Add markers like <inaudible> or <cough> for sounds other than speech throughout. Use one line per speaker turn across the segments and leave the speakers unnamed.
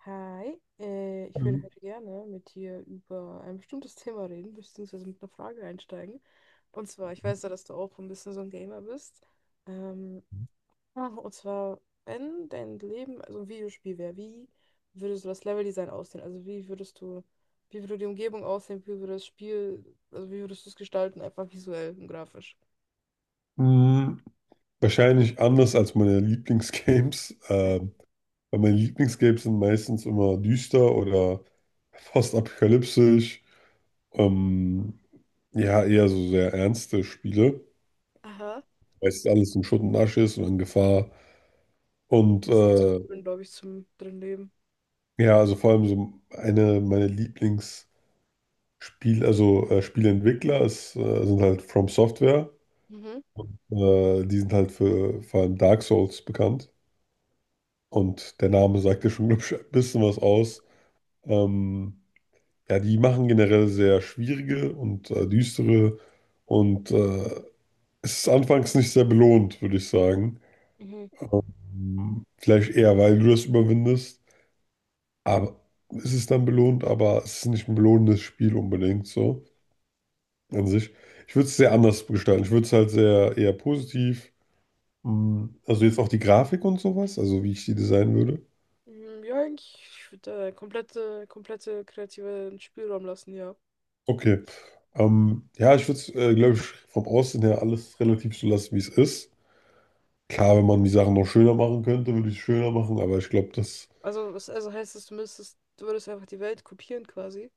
Hi, ich würde
Mhm.
heute gerne mit dir über ein bestimmtes <laughs> Thema reden, beziehungsweise mit einer Frage einsteigen. Und zwar, ich weiß ja, dass du auch ein bisschen so ein Gamer bist. Ähm, und zwar, wenn dein Leben also ein Videospiel wäre, wie würde so das Leveldesign aussehen? Also wie würde die Umgebung aussehen, wie würde das Spiel, also wie würdest du es gestalten, einfach visuell und grafisch?
Mm, Wahrscheinlich anders als meine Lieblingsgames, <laughs> weil meine Lieblingsgames sind meistens immer düster oder postapokalyptisch. Ähm, ja, eher so sehr ernste Spiele.
Aha.
Meistens alles in Schutt und Asche ist und in Gefahr. Und
Das ist nicht so drin, glaube ich, zum drin Leben.
ja, also vor allem so eine meiner Lieblingsspiel, also Spieleentwickler ist, sind halt From Software.
Mhm.
Die sind halt für vor allem Dark Souls bekannt. Und der Name sagt ja schon, <laughs> glaube ich, ein bisschen was aus. Ähm, ja, die machen generell sehr schwierige und düstere und es ist anfangs nicht sehr belohnt, würde ich sagen.
Mhm.
Vielleicht eher, weil du das überwindest, aber es ist dann belohnt, aber es ist nicht ein belohnendes Spiel unbedingt so an sich. Ich würde es sehr anders gestalten. Ich würde es halt sehr eher positiv, also jetzt auch die Grafik und sowas, also wie ich die designen würde.
Mm, ja, eigentlich, ich würde komplette kreativen Spielraum lassen, ja.
Okay. Ja, ich würde es, glaube ich, vom Aussehen her alles relativ so lassen, wie es ist. Klar, wenn man die Sachen noch schöner machen könnte, würde ich es schöner machen, aber ich glaube, das.
Also, also heißt das, du würdest einfach die Welt kopieren quasi.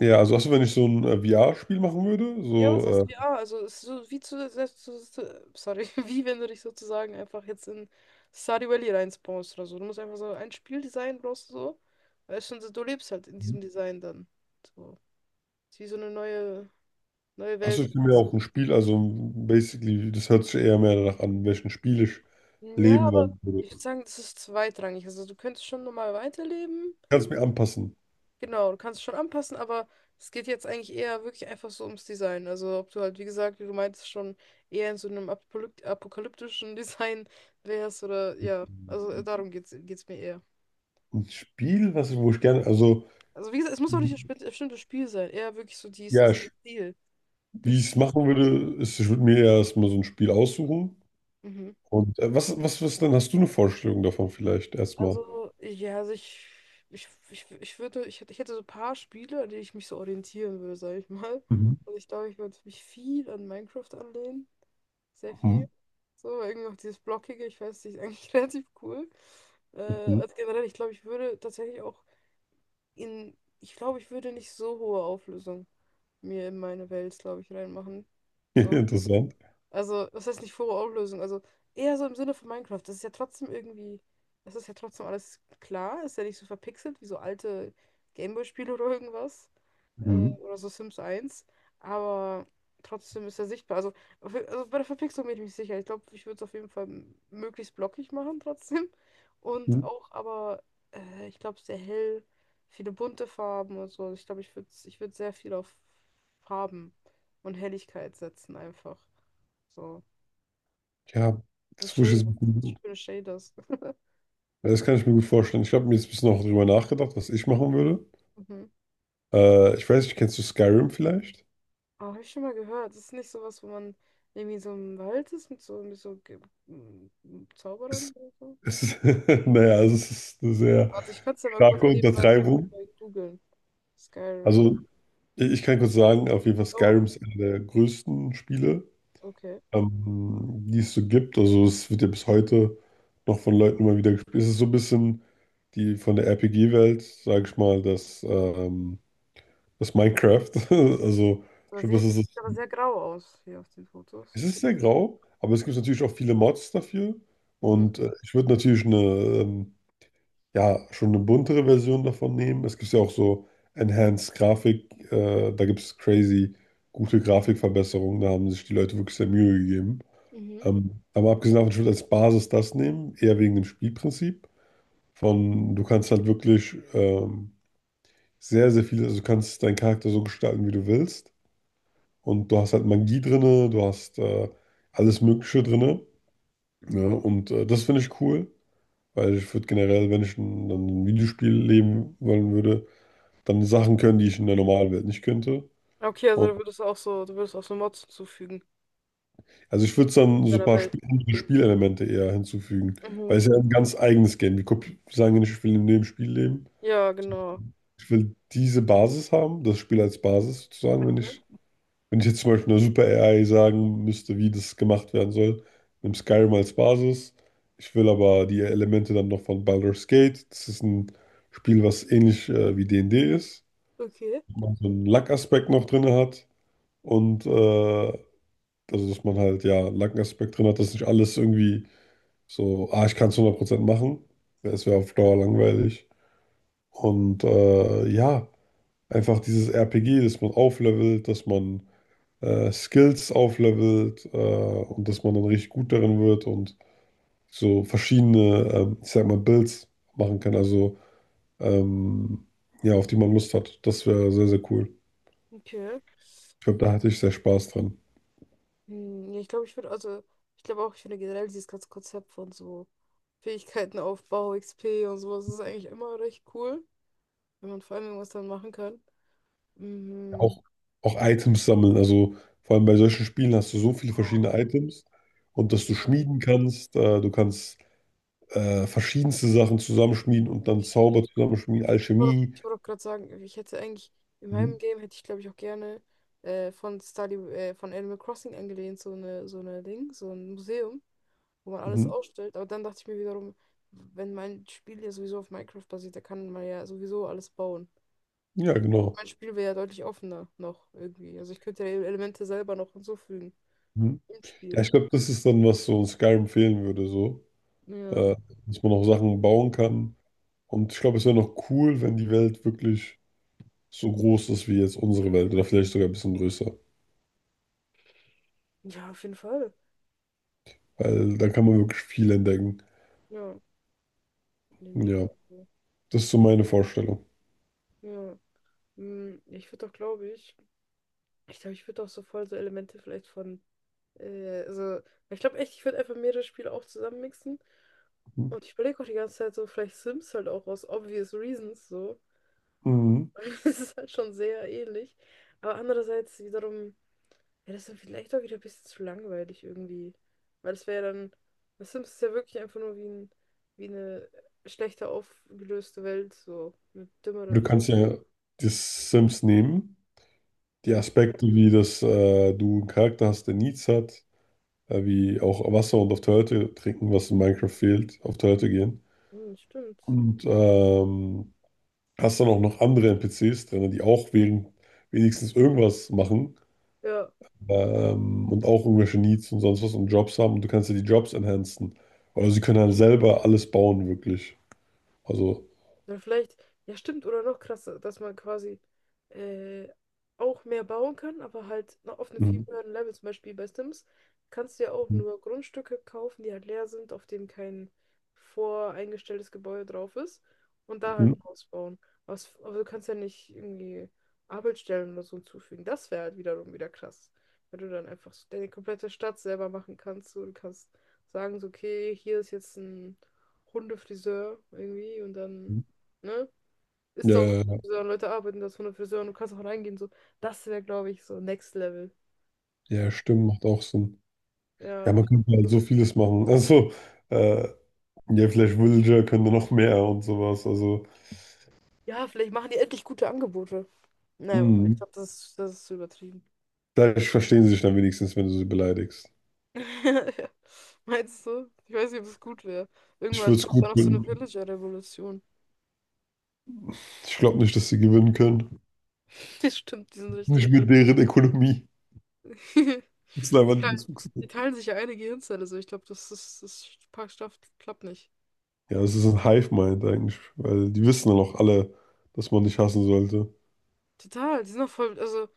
Ja, also hast du, wenn ich so ein VR-Spiel machen würde,
Ja, was
so,
heißt
äh.
ja? Also, es ist so wie zu, selbst zu, sorry, <laughs> wie wenn du dich sozusagen einfach jetzt in Stardew Valley reinspawnst oder so. Du musst einfach so ein Spieldesign brauchst du so. Weißt schon, so, du lebst halt in
Mhm.
diesem Design dann. So. Ist wie so eine neue
Hast du
Welt.
ich mir auch ein Spiel, also basically, das hört sich eher mehr danach an, welchen Spiel ich
Ja,
leben
aber
wollen
ich würde
würde.
sagen, das ist zweitrangig. Also, du könntest schon normal weiterleben.
Kannst mir anpassen.
Genau, du kannst es schon anpassen, aber es geht jetzt eigentlich eher wirklich einfach so ums Design. Also ob du halt, wie gesagt, wie du meintest, schon eher in so einem apokalyptischen <laughs> Design wärst oder ja, also darum geht's mir eher.
Ein Spiel, was ich, wo ich gerne, also.
Also wie gesagt, es muss auch nicht
Mhm.
bestimmtes Spiel sein, eher wirklich so
Ja,
Der
ich,
Stil. Der
wie ich es
Stil.
machen würde, ist, ich würde mir erstmal so ein Spiel aussuchen.
Mhm.
Und was denn? Hast du eine Vorstellung davon vielleicht erstmal?
Also, ja, ich würde, ich hätte so ein paar Spiele, an denen ich mich so orientieren würde, sage ich mal.
Mhm.
Also ich glaube, ich würde mich viel an Minecraft anlehnen. Sehr viel.
Mhm.
So, irgendwie auch dieses Blockige, ich weiß nicht, ist eigentlich <laughs> relativ cool.
Mhm.
Also generell, ich glaube, ich würde tatsächlich auch ich glaube, ich würde nicht so hohe Auflösung mir in meine Welt, glaube ich, reinmachen.
<laughs>
So.
Interessant.
Also, was heißt nicht Furore-Auflösung? Also, eher so im Sinne von Minecraft. Das ist ja trotzdem irgendwie, das ist ja trotzdem alles klar. Ist ja nicht so verpixelt wie so alte Gameboy-Spiele oder irgendwas.
Mhm.
Oder so Sims eins. Aber trotzdem ist er sichtbar. Also, also bei der Verpixelung bin ich mir nicht sicher. Ich glaube, ich würde es auf jeden Fall möglichst blockig machen <laughs> trotzdem. Und
Mhm.
auch, aber ich glaube, sehr hell, viele bunte Farben und so. Ich glaube, ich würd sehr viel auf Farben und Helligkeit setzen einfach. So.
Ja,
Und
das wusste ich
Shaders. Ich
jetzt.
spüre Shaders. <laughs>
Das kann ich mir gut vorstellen. Ich habe mir jetzt ein bisschen auch drüber nachgedacht, was ich machen würde.
Mhm.
Ich weiß nicht, kennst du Skyrim vielleicht?
Aber habe ich schon mal gehört. Das ist nicht sowas, wo man irgendwie so im Wald ist mit mit so Zauberern
Es,
oder so.
es ist, <laughs> naja, also es ist eine sehr
Warte, ich kann es ja mal kurz
starke
nebenbei
Untertreibung.
nebenbei googeln. Skyrim.
Also, ich kann kurz sagen, auf jeden Fall
Oh,
Skyrim ist einer der größten Spiele.
okay.
Ähm, die es so gibt. Also es wird ja bis heute noch von Leuten immer wieder gespielt. Es ist so ein bisschen die von der RPG-Welt, sage ich mal, das, das Minecraft. <laughs> Also ich
Das
glaube,
sieht aber
das
das
ist es.
sieht aber sehr grau aus hier auf den
Es
Fotos.
ist sehr grau, aber es gibt natürlich auch viele Mods dafür.
Mhm.
Und ich würde natürlich eine, ja, schon eine buntere Version davon nehmen. Es gibt ja auch so Enhanced Grafik, da gibt es crazy gute Grafikverbesserungen, da haben sich die Leute wirklich sehr Mühe gegeben.
Mhm.
Aber abgesehen davon, ich würde als Basis das nehmen, eher wegen dem Spielprinzip. Von, du kannst halt wirklich sehr viel, also du kannst deinen Charakter so gestalten, wie du willst. Und du hast halt Magie drinne, du hast alles Mögliche drinne. Ja, und das finde ich cool, weil ich würde generell, wenn ich ein, dann ein Videospiel leben wollen würde, dann Sachen können, die ich in der normalen Welt nicht könnte.
Okay, also
Und,
du würdest auch so Mods hinzufügen
also ich würde dann so ein
deiner
paar
Welt.
Spielelemente eher hinzufügen,
Mhm.
weil es ja ein ganz eigenes Game. Wir kopi- sagen ja nicht, ich will in dem Spiel leben.
Ja, genau.
Ich will diese Basis haben, das Spiel als Basis sozusagen, wenn ich,
Mhm.
wenn ich jetzt zum Beispiel einer Super AI sagen müsste, wie das gemacht werden soll, nimm Skyrim als Basis. Ich will aber die Elemente dann noch von Baldur's Gate. Das ist ein Spiel, was ähnlich wie D&D ist,
Okay.
wo man so einen Luck-Aspekt noch drin hat und also dass man halt ja einen Luck-Aspekt drin hat, dass nicht alles irgendwie so, ah, ich kann es 100% machen. Es wäre auf Dauer langweilig. Und ja. Einfach dieses RPG, dass man auflevelt, dass man Skills auflevelt, und dass man dann richtig gut darin wird und so verschiedene, ich sag mal, Builds machen kann, also ähm, ja, auf die man Lust hat. Das wäre sehr cool.
Okay.
Ich glaube, da hatte ich sehr Spaß dran.
Hm, ja, ich glaube auch, ich finde generell dieses ganze Konzept von so Fähigkeitenaufbau, XP und sowas ist eigentlich immer recht cool, wenn man vor allem irgendwas dann machen kann. Mhm.
Auch, auch Items sammeln, also vor allem bei solchen Spielen hast du so viele verschiedene
Oh,
Items und dass du
ja,
schmieden kannst, du kannst verschiedenste Sachen zusammenschmieden und dann
ich,
Zauber zusammenschmieden, Alchemie.
ich wollte auch gerade sagen, in meinem
Mhm.
Game hätte ich, glaube ich, auch gerne von Animal Crossing angelehnt, so eine Ding, so ein Museum, wo man alles
Mhm.
ausstellt. Aber dann dachte ich mir wiederum, wenn mein Spiel ja sowieso auf Minecraft basiert, da kann man ja sowieso alles bauen.
Ja,
Also
genau.
mein Spiel wäre ja deutlich offener noch irgendwie. Also ich könnte ja Elemente selber noch hinzufügen
Mhm.
im
Ja,
Spiel.
ich glaube, das ist dann, was so in Skyrim fehlen würde, so.
Ja.
Äh, Dass man auch Sachen bauen kann. Und ich glaube, es wäre noch cool, wenn die Welt wirklich so groß ist wie jetzt unsere Welt oder vielleicht sogar ein bisschen größer.
Ja, auf jeden Fall.
Weil dann kann man wirklich viel entdecken.
Ja, nee, mega.
Ja,
Also,
das ist so meine Vorstellung.
ja. Mm, ich würde auch, glaube ich, ich glaube, ich würde auch so voll so Elemente äh, also, ich glaube echt, ich würde einfach mehrere Spiele auch zusammenmixen.
Mhm.
Und ich überlege auch die ganze Zeit so, vielleicht Sims halt auch aus obvious reasons so.
Mhm.
<laughs> Es ist halt schon sehr ähnlich. Aber andererseits wiederum. Ja, das ist dann vielleicht auch wieder ein bisschen zu langweilig irgendwie. Weil das wäre ja dann. The Sims ist ja wirklich einfach nur wie ein, wie eine schlechter aufgelöste Welt, so. Eine dümmere
Du
bist.
kannst ja die Sims nehmen, die
Ja,
Aspekte, wie das, du einen Charakter hast, der Needs hat, wie auch Wasser und auf Toilette trinken, was in Minecraft fehlt, auf Toilette gehen.
hm, stimmt.
Und hast dann auch noch andere NPCs drin, die auch wegen wenigstens irgendwas machen,
Ja,
und auch irgendwelche Needs und sonst was und Jobs haben und du kannst ja die Jobs enhancen. Oder sie können halt selber alles bauen, wirklich. Also,
dann vielleicht, ja stimmt, oder noch krasser, dass man quasi äh, auch mehr bauen kann, aber halt noch auf einem viel
mhm.
höheren Level, zum Beispiel bei Sims, kannst du ja auch nur Grundstücke kaufen, die halt leer sind, auf dem kein voreingestelltes Gebäude drauf ist und da
Mhm.
halt ein Haus bauen. Was, aber du kannst ja nicht irgendwie Arbeitsstellen oder so hinzufügen. Das wäre halt wiederum wieder krass, wenn du dann einfach so deine komplette Stadt selber machen kannst. So, du kannst sagen, so, okay, hier ist jetzt ein Hundefriseur irgendwie und dann. Ne? Ist
Ja,
doch
ja,
Friseur, Leute arbeiten da ohne Friseur und du kannst auch reingehen. So. Das wäre, glaube ich, so Next Level.
ja,
So,
stimmt, macht auch Sinn. Ja,
ja,
man könnte halt so vieles machen. <laughs> Also, äh, ja, vielleicht Villager können da noch mehr und sowas. Also,
ja, vielleicht machen die endlich gute Angebote. Naja, wobei, ich
mhm.
glaube, das ist übertrieben.
Vielleicht verstehen sie sich dann wenigstens, wenn du sie beleidigst.
<laughs> Ja. Meinst du? Ich weiß nicht, ob es gut wäre.
Ich würde
Irgendwann
es
kommt da
gut
noch so eine
finden.
Villager-Revolution.
Ich glaube nicht, dass sie gewinnen können.
<laughs> Das stimmt, die sind richtig.
Nicht mit deren Ökonomie.
<laughs>
Das ist
Die
einfach nicht
teilen, die
Bezugsnetz.
teilen sich ja eine Gehirnzelle, so ich glaube, das ist, das pa- schafft- klappt nicht.
Ja, das ist ein Hive-Mind eigentlich, weil die wissen dann auch alle, dass man nicht hassen sollte.
Total,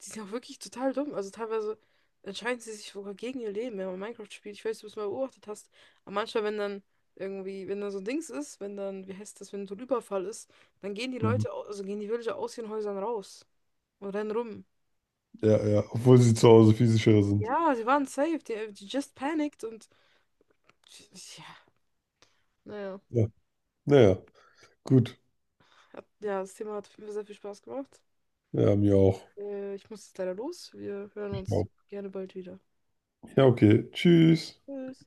die sind auch wirklich total dumm. Also teilweise entscheiden sie sich sogar gegen ihr Leben, wenn man Minecraft spielt. Ich weiß nicht, ob du es mal beobachtet hast. Aber manchmal, wenn dann so ein Dings ist, wenn dann, wie heißt das, wenn so ein Überfall ist, dann gehen
Mhm.
Also gehen die Villager aus ihren Häusern raus und rennen rum.
Ja, ja, obwohl sie zu Hause viel sicherer sind.
Ja, sie waren safe, die just panicked und ja, naja.
Ja, naja, gut.
Hat, ja, das Thema hat auf jeden Fall sehr viel Spaß gemacht.
Ja, mir auch.
Ich muss jetzt leider los. Wir hören uns gerne bald wieder.
Ja, okay. Tschüss.
Tschüss.